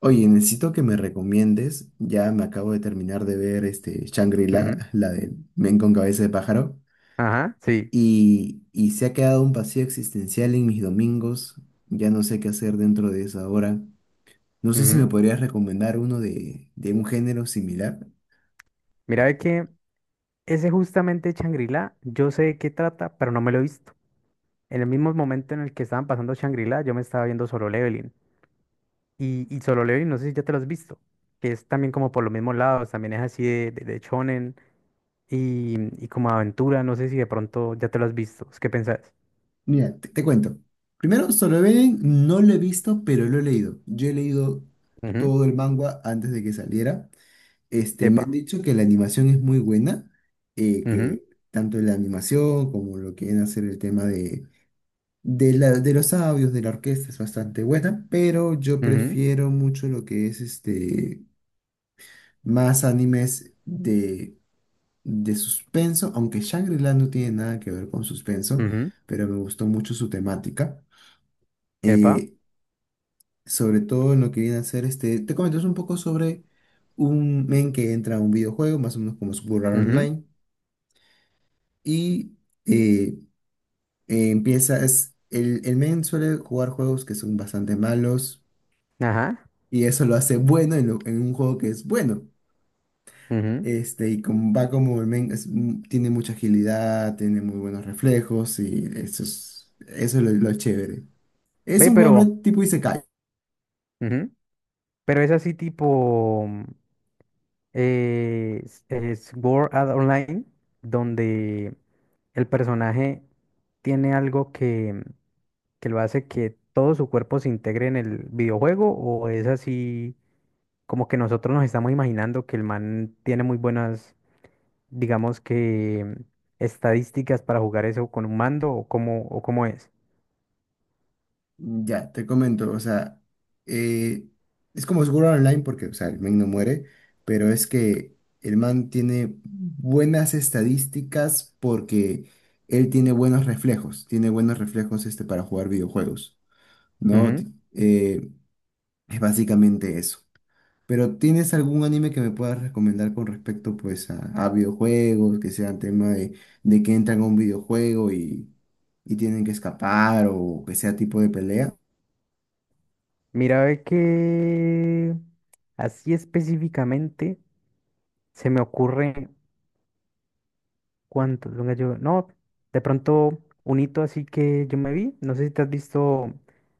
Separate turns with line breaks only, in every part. Oye, necesito que me recomiendes. Ya me acabo de terminar de ver este
Ujú.
Shangri-La, la de Men con cabeza de pájaro,
Ajá, sí.
y se ha quedado un vacío existencial en mis domingos. Ya no sé qué hacer dentro de esa hora. No sé si me
Ujú.
podrías recomendar uno de un género similar.
Mira, ve que ese justamente Shangri-La, yo sé de qué trata, pero no me lo he visto. En el mismo momento en el que estaban pasando Shangri-La, yo me estaba viendo Solo Leveling. Y Solo Leveling, no sé si ya te lo has visto, que es también como por los mismos lados, también es así de shonen y como aventura, no sé si de pronto ya te lo has visto. ¿Qué pensás?
Mira, te cuento. Primero, Solo Leveling no lo he visto, pero lo he leído. Yo he leído
Ujú.
todo el manga antes de que saliera. Este, me han
Epa.
dicho que la animación es muy buena,
Ujú,
que tanto la animación como lo que viene a ser el tema de los audios, de la orquesta es bastante buena, pero yo
ujú,
prefiero mucho lo que es este, más animes de suspenso, aunque Shangri-La no tiene nada que ver con suspenso,
ujú.
pero me gustó mucho su temática.
Epa.
eh, Sobre todo en lo que viene a ser este, te comentas un poco sobre un men que entra a un videojuego, más o menos como Sword Art
Ujú.
Online. Y eh, empieza, el men suele jugar juegos que son bastante malos
Ajá.
y eso lo hace bueno en, en un juego que es bueno.
Ujú.
Este, y como va, como el men es tiene mucha agilidad, tiene muy buenos reflejos y eso es lo chévere. Es
Ve,
un juego más
pero...
tipo isekai.
Ujú. Pero es así tipo. Es Sword Art Online, donde el personaje tiene algo que lo hace que todo su cuerpo se integre en el videojuego, o es así como que nosotros nos estamos imaginando que el man tiene muy buenas, digamos que estadísticas para jugar eso con un mando, o cómo es.
Mm, ya, te comento, o sea, eh, es como seguro online porque, o sea, el man no muere, pero es que el man tiene buenas estadísticas porque él tiene buenos reflejos este, para jugar videojuegos, ¿no?
Ujú.
Es básicamente eso. Pero ¿tienes algún anime que me puedas recomendar con respecto, pues, a videojuegos, que sean tema de que entran a un videojuego y tienen que escapar o que sea tipo de pelea?
Mira, ve que así específicamente se me ocurre. ¿Cuántos? Venga, yo, no, de pronto un hito así que yo me vi, no sé si te has visto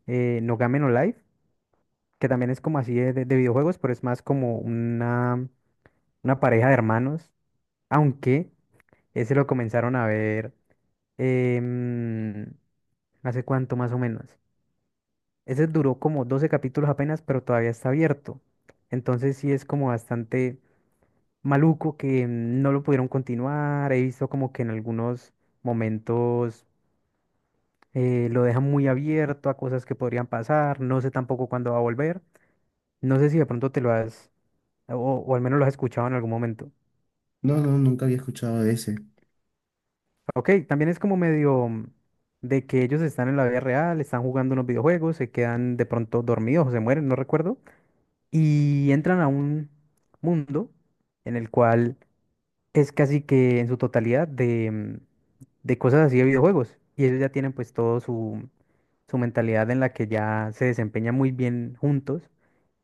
No Game No Life, que también es como así de videojuegos, pero es más como una pareja de hermanos, aunque ese lo comenzaron a ver em, hace cuánto más o menos. Ese duró como 12 capítulos apenas, pero todavía está abierto. Entonces sí es como bastante maluco que no lo pudieron continuar. He visto como que en algunos momentos lo dejan muy abierto a cosas que podrían pasar, no sé tampoco cuándo va a volver, no sé si de pronto te lo has, o, o al menos lo has escuchado en algún momento.
No, no, nunca había escuchado de ese.
Ok, también es como medio de que ellos están en la vida real, están jugando unos videojuegos, se quedan de pronto dormidos o se mueren, no recuerdo, y entran a un mundo en el cual es casi que en su totalidad de cosas así de videojuegos, y ellos ya tienen pues todo su mentalidad en la que ya se desempeñan muy bien juntos.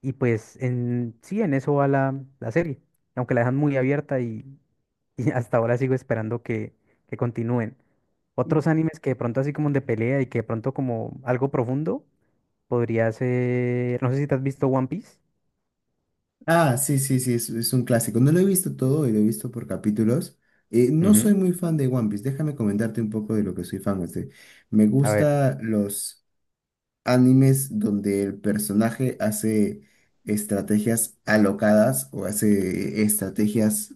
Y pues sí, en eso va la serie, aunque la dejan muy abierta y, y hasta ahora sigo esperando que continúen. Otros animes que de pronto así como de pelea y que de pronto como algo profundo podría ser, no sé si te has visto One Piece.
Ah, sí, sí, sí, es un clásico. No lo he visto todo y lo he visto por capítulos. No soy
Ujú.
muy fan de One Piece. Déjame comentarte un poco de lo que soy fan. Este. Me
A ver.
gusta los animes donde el personaje hace estrategias alocadas o hace estrategias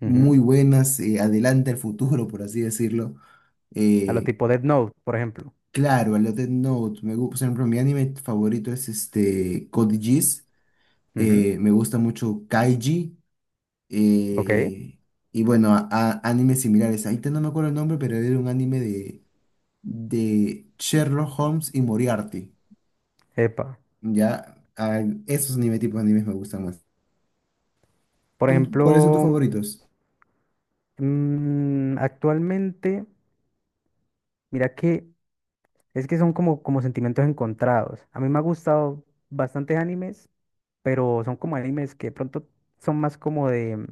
Ujú.
muy buenas, adelanta el futuro, por así decirlo.
A lo
Eh,
tipo Death Note, por ejemplo.
claro, a lo Death Note. Me gusta, por ejemplo, mi anime favorito es este Code Geass.
Ujú.
Me gusta mucho Kaiji,
Ok.
eh, y bueno, animes similares. Ahorita no me acuerdo el nombre, pero era un anime de Sherlock Holmes y Moriarty.
Epa.
Ya, ah, esos anime, tipos de animes me gustan mucho.
Por
¿Cuáles son tus
ejemplo,
favoritos?
actualmente, mira que es que son como sentimientos encontrados. A mí me ha gustado bastantes animes, pero son como animes que de pronto son más como de,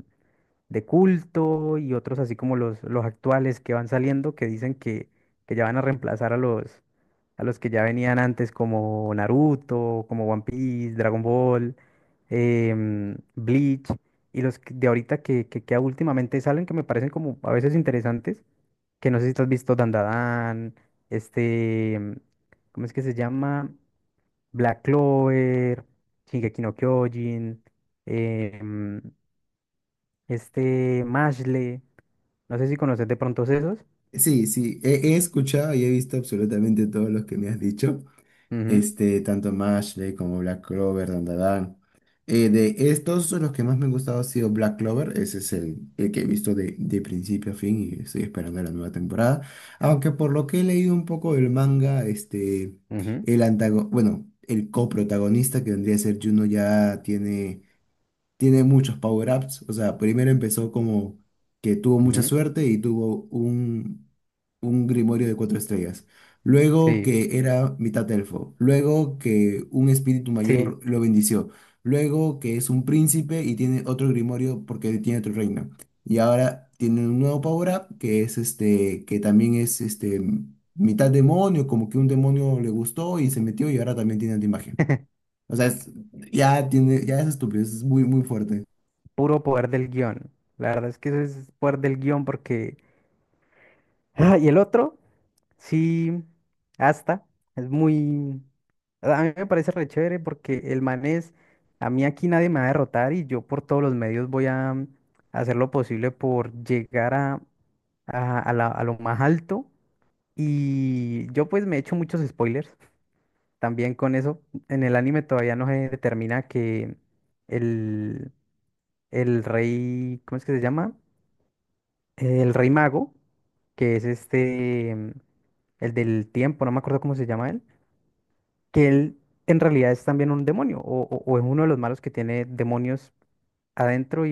de culto y otros así como los actuales que van saliendo, que dicen que ya van a reemplazar a los que ya venían antes, como Naruto, como One Piece, Dragon Ball, Bleach y de ahorita que últimamente salen, que me parecen como a veces interesantes, que no sé si tú has visto Dandadan, este, ¿cómo es que se llama? Black Clover, Shingeki no Kyojin, em, este Mashle. No sé si conoces de pronto esos.
Sí, sí, he escuchado y he visto absolutamente todos los que me has dicho.
Ujú,
Este, tanto Mashley como Black Clover, Dandadan. De estos, los que más me han gustado ha sido Black Clover, ese es el que he visto de principio a fin y estoy esperando la nueva temporada. Aunque por lo que he leído un poco del manga, este,
ujú,
bueno, el coprotagonista que vendría a ser Juno tiene muchos power-ups. O sea, primero empezó como que tuvo mucha
ujú.
suerte y tuvo un grimorio de 4 estrellas. Luego
Sí,
que era mitad elfo. Luego que un espíritu
sí,
mayor lo bendició. Luego que es un príncipe y tiene otro grimorio porque tiene otro reino. Y ahora tiene un nuevo power-up que es este, que también es este, mitad demonio, como que un demonio le gustó y se metió y ahora también tiene antimagia. O sea, es- ya tiene, ya es estúpido, es muy, muy fuerte.
puro poder del guión. La verdad es que eso es poder del guión porque... Ah, y el otro, sí, hasta, es muy... A mí me parece re chévere porque el man es... A mí aquí nadie me va a derrotar y yo por todos los medios voy a hacer lo posible por llegar a lo más alto. Y yo pues me he hecho muchos spoilers también con eso. En el anime todavía no se determina que el, el rey, ¿cómo es que se llama? El rey mago, que es el del tiempo, no me acuerdo cómo se llama él, que él en realidad es también un demonio o es uno de los malos que tiene demonios adentro.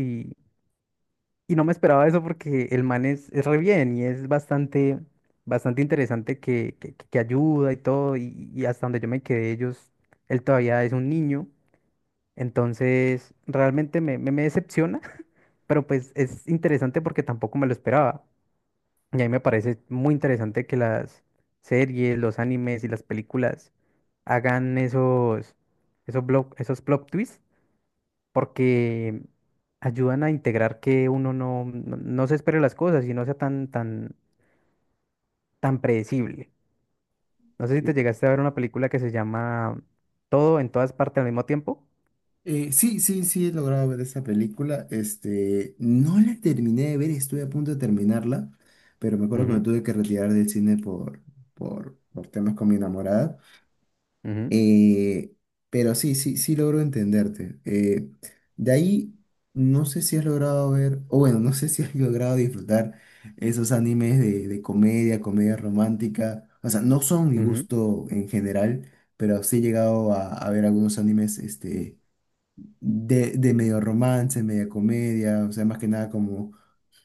Y no me esperaba eso porque el man es re bien y es bastante, bastante interesante que ayuda y todo. Y hasta donde yo me quedé, él todavía es un niño. Entonces, realmente me decepciona, pero pues es interesante porque tampoco me lo esperaba. Y a mí me parece muy interesante que las series, los animes y las películas hagan esos plot twists porque ayudan a integrar que uno no se espere las cosas y no sea tan, tan, tan predecible. No sé si te llegaste a ver una película que se llama Todo en todas partes al mismo tiempo.
Sí, sí, sí, he logrado ver esa película. Este, no la terminé de ver, estuve a punto de terminarla, pero me acuerdo que me
Ujú,
tuve que retirar del cine por temas con mi enamorada.
ujú,
Eh, pero sí, sí, sí logro entenderte. De ahí, no sé si has logrado ver, o bueno, no sé si has logrado disfrutar esos animes de comedia, comedia romántica. O sea, no son mi
ujú,
gusto en general, pero sí he llegado a ver algunos animes, este de medio romance, media comedia, o sea, más que nada como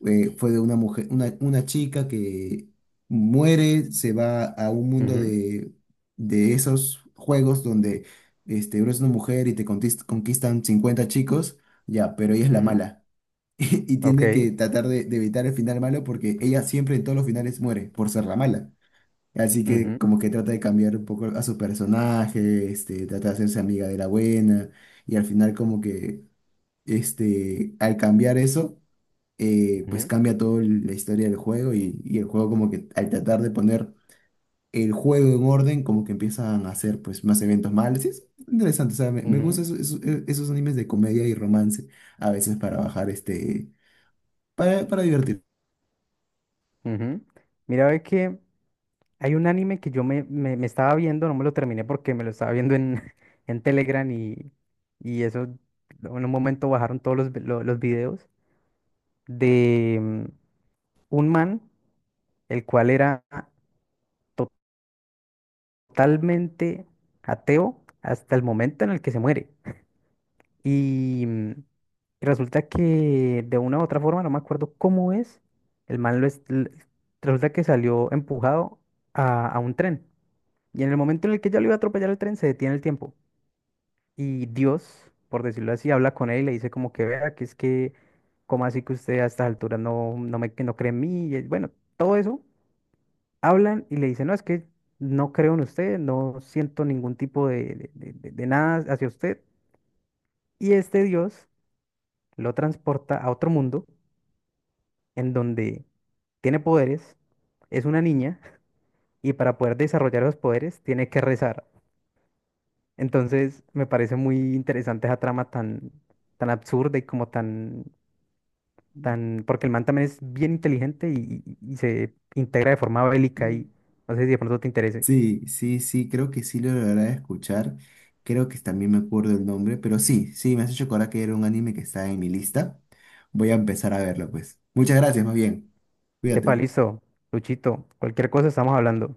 fue de una mujer, una chica que muere, se va a un mundo
ujú,
de esos juegos donde este, eres una mujer y te conquistan 50 chicos, ya, pero ella es la
ujú.
mala. Y tiene
Ok.
que tratar de evitar el final malo porque ella siempre en todos los finales muere por ser la mala. Así que
Ujú,
como que trata de cambiar un poco a su personaje, este, trata de hacerse amiga de la buena y al final como que este, al cambiar eso, pues
ujú,
cambia toda la historia del juego y el juego como que al tratar de poner el juego en orden, como que empiezan a hacer pues más eventos malos. Y es interesante, o sea, me
ujú,
gustan esos, esos animes de comedia y romance a veces para bajar este, para divertir.
ujú. Mira, ve que hay un anime que yo me estaba viendo, no me lo terminé porque me lo estaba viendo en, en Telegram y eso, en un momento bajaron todos los videos de un man, el cual era totalmente ateo hasta el momento en el que se muere. Y mm, y resulta que de una u otra forma, no me acuerdo cómo es, el man resulta que salió empujado a un tren. Y en el momento en el que ya lo iba a atropellar el tren, se detiene el tiempo. Y Dios, por decirlo así, habla con él y le dice como que vea, que es que, ¿como así que usted a estas alturas no, no me, que no cree en mí? Y bueno, todo eso hablan y le dicen, no, es que no creo en usted, no siento ningún tipo de nada hacia usted. Y este Dios lo transporta a otro mundo en donde tiene poderes, es una niña y para poder desarrollar los poderes tiene que rezar. Entonces me parece muy interesante esa trama tan, tan absurda y como tan, tan, porque el man también es bien inteligente y se integra de forma bélica, y
Mm,
no sé si de pronto te interese.
sí, sí, sí, creo que sí lo lograré escuchar. Creo que también me acuerdo el nombre, pero sí, sí, me has hecho acordar que era un anime que está en mi lista. Voy a empezar a verlo, pues. Muchas gracias, más bien.
Epa,
Cuídate.
listo, Luchito, cualquier cosa estamos hablando.